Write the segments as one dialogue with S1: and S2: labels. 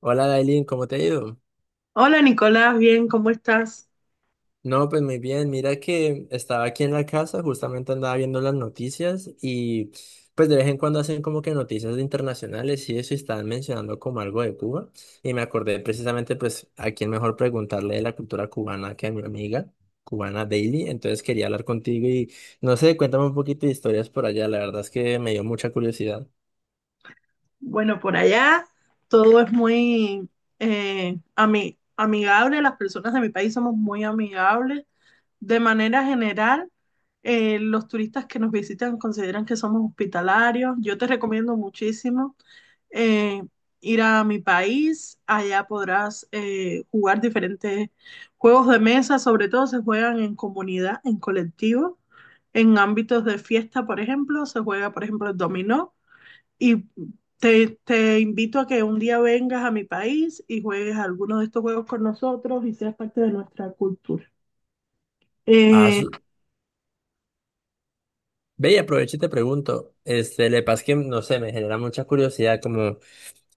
S1: Hola, Dailin, ¿cómo te ha ido?
S2: Hola Nicolás, bien, ¿cómo estás?
S1: No, pues muy bien. Mira que estaba aquí en la casa, justamente andaba viendo las noticias y pues de vez en cuando hacen como que noticias internacionales y eso y estaban mencionando como algo de Cuba y me acordé precisamente pues a quién mejor preguntarle de la cultura cubana que a mi amiga cubana Daily. Entonces quería hablar contigo y no sé, cuéntame un poquito de historias por allá. La verdad es que me dio mucha curiosidad.
S2: Bueno, por allá todo es muy amigable, las personas de mi país somos muy amigables. De manera general, los turistas que nos visitan consideran que somos hospitalarios. Yo te recomiendo muchísimo eh, ir a mi país. Allá podrás jugar diferentes juegos de mesa, sobre todo se juegan en comunidad, en colectivo, en ámbitos de fiesta. Por ejemplo, se juega, por ejemplo, el dominó, y te invito a que un día vengas a mi país y juegues alguno de estos juegos con nosotros y seas parte de nuestra cultura. Eh,
S1: Ve y aprovecho y te pregunto, este, le pasa que, no sé, me genera mucha curiosidad, como,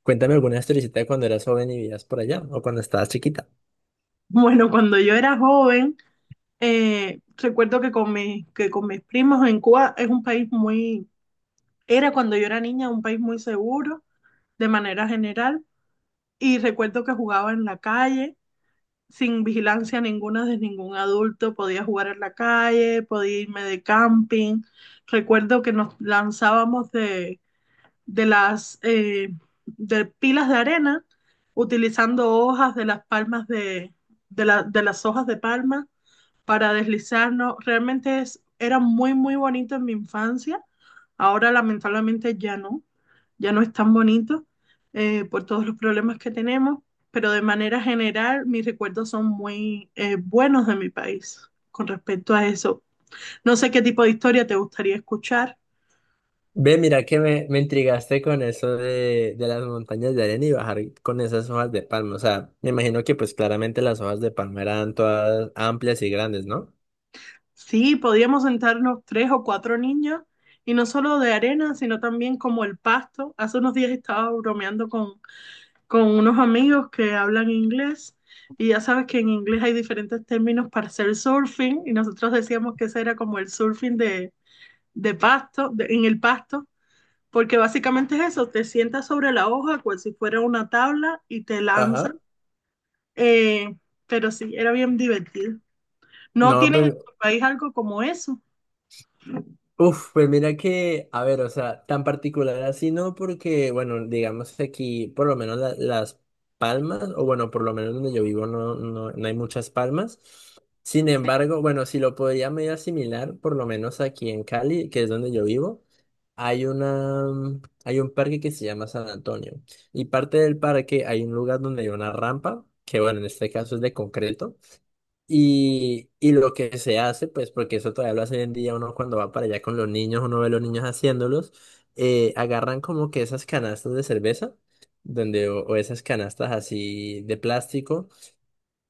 S1: cuéntame alguna historicita de cuando eras joven y vivías por allá, o cuando estabas chiquita.
S2: bueno, cuando yo era joven, recuerdo que con mis primos en Cuba es un país muy era cuando yo era niña un país muy seguro, de manera general, y recuerdo que jugaba en la calle, sin vigilancia ninguna de ningún adulto. Podía jugar en la calle, podía irme de camping. Recuerdo que nos lanzábamos de las eh, de pilas de arena, utilizando hojas de las palmas de las hojas de palma para deslizarnos. Realmente era muy, muy bonito en mi infancia. Ahora lamentablemente ya no es tan bonito por todos los problemas que tenemos, pero de manera general mis recuerdos son muy buenos de mi país con respecto a eso. No sé qué tipo de historia te gustaría escuchar.
S1: Ve, mira que me intrigaste con eso de las montañas de arena y bajar con esas hojas de palma, o sea, me imagino que pues claramente las hojas de palma eran todas amplias y grandes, ¿no?
S2: Sí, podíamos sentarnos tres o cuatro niños, y no solo de arena, sino también como el pasto. Hace unos días estaba bromeando con unos amigos que hablan inglés, y ya sabes que en inglés hay diferentes términos para hacer surfing, y nosotros decíamos que ese era como el surfing en el pasto, porque básicamente es eso, te sientas sobre la hoja como si fuera una tabla y te lanzas,
S1: Ajá.
S2: eh, pero sí, era bien divertido. ¿No
S1: No,
S2: tienen en
S1: pues
S2: tu país algo como eso?
S1: uf, pues mira que, a ver, o sea, tan particular así no, porque, bueno, digamos que aquí, por lo menos las palmas, o bueno, por lo menos donde yo vivo no hay muchas palmas. Sin embargo, bueno, si lo podría medio asimilar, por lo menos aquí en Cali, que es donde yo vivo, hay una, hay un parque que se llama San Antonio. Y parte del parque hay un lugar donde hay una rampa, que bueno, en este caso es de concreto. Y lo que se hace, pues porque eso todavía lo hace hoy en día uno cuando va para allá con los niños, uno ve a los niños haciéndolos, agarran como que esas canastas de cerveza, donde, o esas canastas así de plástico,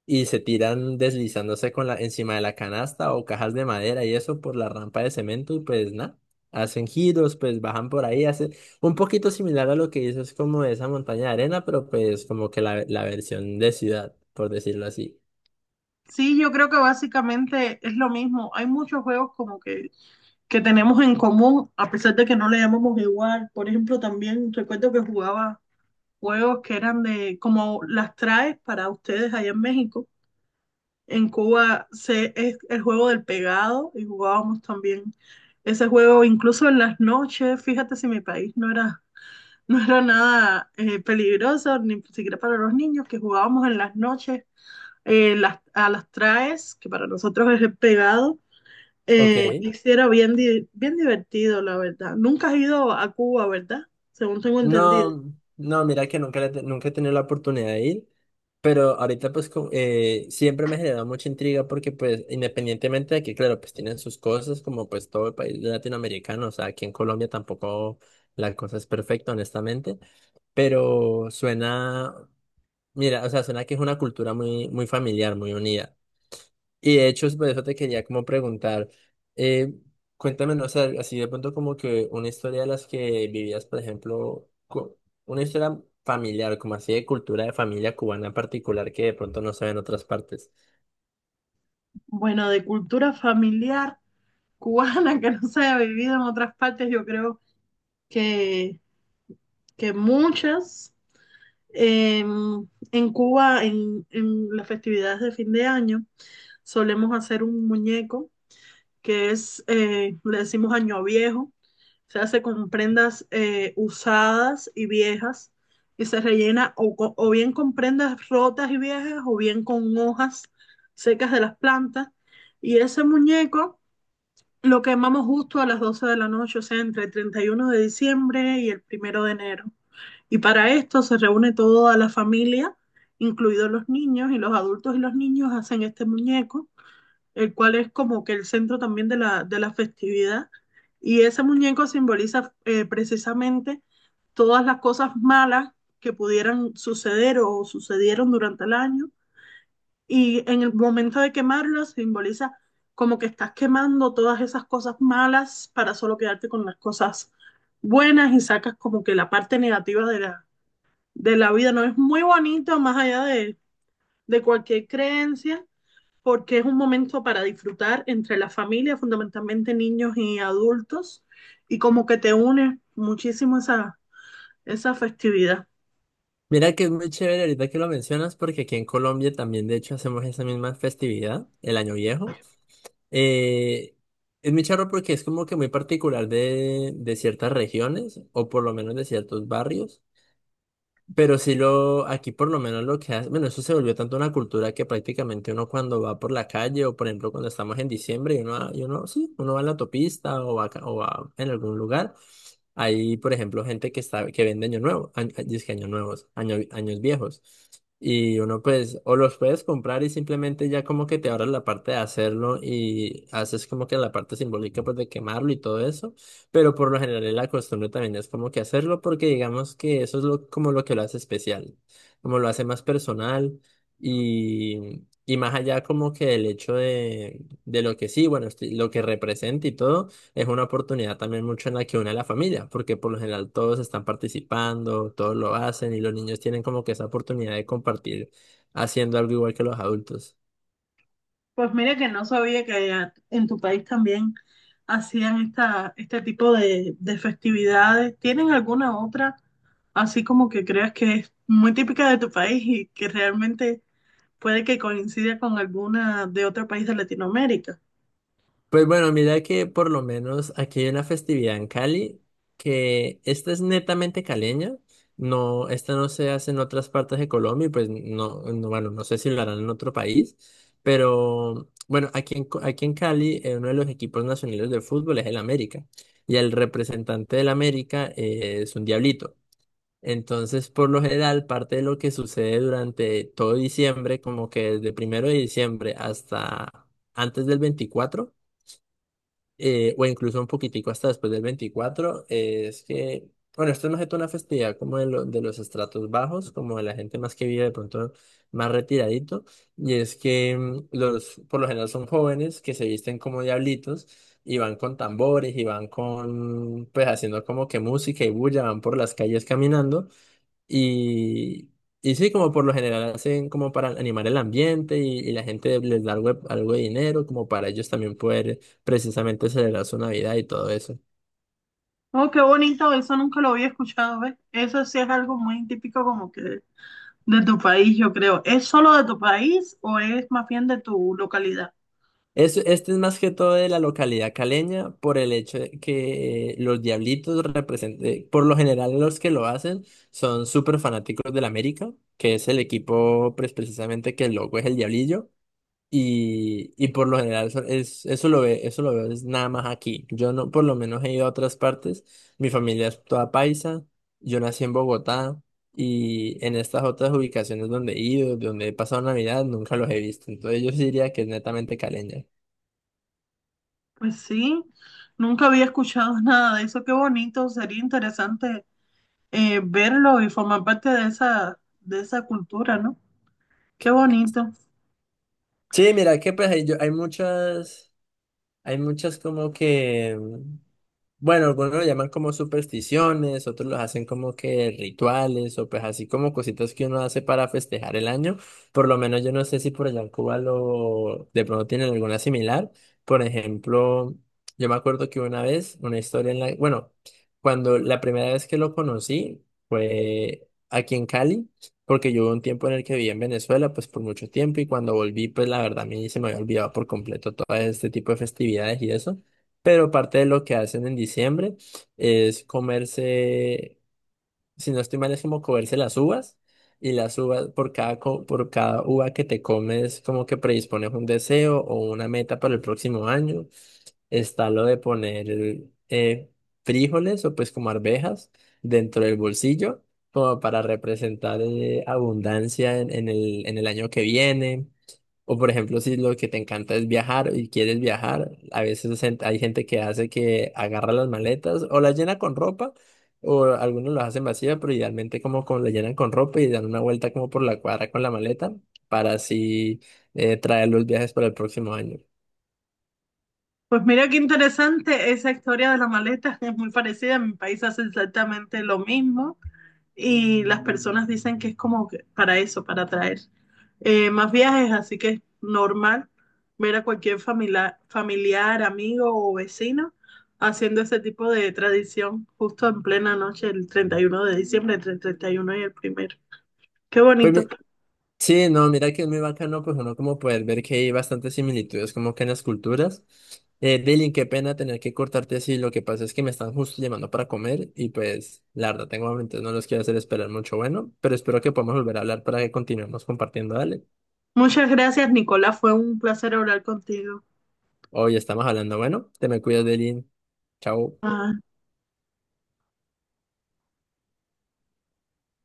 S1: y se tiran deslizándose con la, encima de la canasta o cajas de madera y eso por la rampa de cemento, y pues nada, hacen giros, pues bajan por ahí, hacen un poquito similar a lo que hizo es como esa montaña de arena, pero pues como que la versión de ciudad, por decirlo así.
S2: Sí, yo creo que básicamente es lo mismo. Hay muchos juegos como que tenemos en común, a pesar de que no le llamamos igual. Por ejemplo, también recuerdo que jugaba juegos que eran como las traes para ustedes allá en México. En Cuba es el juego del pegado, y jugábamos también ese juego incluso en las noches. Fíjate si mi país no era nada peligroso, ni siquiera para los niños, que jugábamos en las noches a las traes, que para nosotros es el pegado,
S1: Ok.
S2: y sí era bien divertido, la verdad. Nunca has ido a Cuba, ¿verdad? Según tengo entendido.
S1: No, no, mira que nunca, nunca he tenido la oportunidad de ir, pero ahorita pues siempre me genera mucha intriga porque pues independientemente de que claro, pues tienen sus cosas como pues todo el país latinoamericano, o sea, aquí en Colombia tampoco la cosa es perfecta, honestamente, pero suena, mira, o sea, suena que es una cultura muy, muy familiar, muy unida. Y de hecho, por eso te quería como preguntar, eh, cuéntame, no sé, así de pronto como que una historia de las que vivías, por ejemplo, una historia familiar, como así de cultura de familia cubana en particular que de pronto no se ve en otras partes.
S2: Bueno, de cultura familiar cubana que no se haya vivido en otras partes, yo creo que, que muchas. Eh, en Cuba, en las festividades de fin de año, solemos hacer un muñeco que es, le decimos año viejo. Se hace con prendas usadas y viejas, y se rellena bien con prendas rotas y viejas, o bien con hojas secas de las plantas. Y ese muñeco lo quemamos justo a las 12 de la noche, o sea, entre el 31 de diciembre y el primero de enero. Y para esto se reúne toda la familia, incluidos los niños, y los adultos y los niños hacen este muñeco, el cual es como que el centro también de la festividad. Y ese muñeco simboliza precisamente todas las cosas malas que pudieran suceder o sucedieron durante el año. Y en el momento de quemarlo simboliza como que estás quemando todas esas cosas malas para solo quedarte con las cosas buenas, y sacas como que la parte negativa de la vida. No es muy bonito, más allá de cualquier creencia, porque es un momento para disfrutar entre la familia, fundamentalmente niños y adultos, y como que te une muchísimo esa festividad.
S1: Mira que es muy chévere ahorita que lo mencionas porque aquí en Colombia también de hecho hacemos esa misma festividad, el Año Viejo. Eh, es muy charro porque es como que muy particular de ciertas regiones o por lo menos de ciertos barrios. Pero si lo, aquí por lo menos lo que hace, bueno, eso se volvió tanto una cultura que prácticamente uno cuando va por la calle o por ejemplo cuando estamos en diciembre y uno, sí, uno va en la autopista o va, o va en algún lugar, hay por ejemplo gente que está, que vende año nuevo, año, que años nuevos, año- años viejos. Y uno pues, o los puedes comprar y simplemente ya como que te ahorras la parte de hacerlo y haces como que la parte simbólica pues de quemarlo y todo eso. Pero por lo general la costumbre también es como que hacerlo porque digamos que eso es lo, como lo que lo hace especial, como lo hace más personal y más allá como que el hecho de lo que sí, bueno, lo que representa y todo, es una oportunidad también mucho en la que une a la familia, porque por lo general todos están participando, todos lo hacen y los niños tienen como que esa oportunidad de compartir haciendo algo igual que los adultos.
S2: Pues mira que no sabía que en tu país también hacían este tipo de festividades. ¿Tienen alguna otra así como que creas que es muy típica de tu país y que realmente puede que coincida con alguna de otro país de Latinoamérica?
S1: Pues bueno, mira que por lo menos aquí hay una festividad en Cali que esta es netamente caleña. No, esta no se hace en otras partes de Colombia y pues bueno, no sé si lo harán en otro país, pero bueno, aquí en, aquí en Cali, uno de los equipos nacionales de fútbol es el América y el representante del América, es un diablito. Entonces, por lo general, parte de lo que sucede durante todo diciembre, como que desde primero de diciembre hasta antes del veinticuatro, o incluso un poquitico hasta después del veinticuatro, es que, bueno, esto es más que toda una festividad como de, de los estratos bajos, como de la gente más que vive de pronto más retiradito, y es que por lo general son jóvenes que se visten como diablitos y van con tambores y van con, pues haciendo como que música y bulla, van por las calles caminando. Y, y sí, como por lo general hacen como para animar el ambiente y la gente les da algo, algo de dinero como para ellos también poder precisamente celebrar su Navidad y todo eso.
S2: Oh, qué bonito, eso nunca lo había escuchado, ¿ves? Eso sí es algo muy típico como que de tu país, yo creo. ¿Es solo de tu país o es más bien de tu localidad?
S1: Este es más que todo de la localidad caleña por el hecho de que, los diablitos representen, por lo general los que lo hacen son súper fanáticos del América, que es el equipo pues, precisamente que el logo es el diablillo. Y por lo general eso, es, eso lo ve, eso lo veo es nada más aquí. Yo no, por lo menos he ido a otras partes. Mi familia es toda paisa. Yo nací en Bogotá y en estas otras ubicaciones donde he ido, donde he pasado Navidad, nunca los he visto. Entonces yo sí diría que es netamente caleña.
S2: Pues sí, nunca había escuchado nada de eso. Qué bonito, sería interesante verlo y formar parte de esa cultura, ¿no? Qué bonito.
S1: Sí, mira que pues hay, yo, hay muchas. Hay muchas como que, bueno, algunos lo llaman como supersticiones, otros los hacen como que rituales o pues así como cositas que uno hace para festejar el año. Por lo menos yo no sé si por allá en Cuba lo de pronto tienen alguna similar. Por ejemplo, yo me acuerdo que una vez, una historia en la, bueno, cuando la primera vez que lo conocí fue aquí en Cali porque yo hubo un tiempo en el que viví en Venezuela, pues por mucho tiempo, y cuando volví, pues la verdad a mí se me había olvidado por completo todo este tipo de festividades y eso. Pero parte de lo que hacen en diciembre es comerse, si no estoy mal, es como comerse las uvas, y las uvas, por cada, por cada uva que te comes, como que predispones un deseo o una meta para el próximo año. Está lo de poner, eh, frijoles o pues como arvejas dentro del bolsillo, como para representar, abundancia en el año que viene. O por ejemplo, si lo que te encanta es viajar y quieres viajar, a veces hay gente que hace que agarra las maletas o las llena con ropa, o algunos las hacen vacía, pero idealmente como, como la llenan con ropa y dan una vuelta como por la cuadra con la maleta para así, traer los viajes para el próximo año.
S2: Pues mira qué interesante esa historia de la maleta, es muy parecida. En mi país hace exactamente lo mismo, y las personas dicen que es como que para eso, para atraer más viajes, así que es normal ver a cualquier familiar, amigo o vecino haciendo ese tipo de tradición justo en plena noche, el 31 de diciembre, entre el 31 y el primero. Qué bonito.
S1: Pues sí, no, mira que es muy bacano, pues uno como poder ver que hay bastantes similitudes como que en las culturas. Dylan, qué pena tener que cortarte así, lo que pasa es que me están justo llamando para comer y pues la verdad tengo hambre, entonces no los quiero hacer esperar mucho, bueno, pero espero que podamos volver a hablar para que continuemos compartiendo, dale.
S2: Muchas gracias, Nicolás. Fue un placer hablar contigo.
S1: Hoy estamos hablando, bueno, te me cuidas, Dylan, chao.
S2: Ah,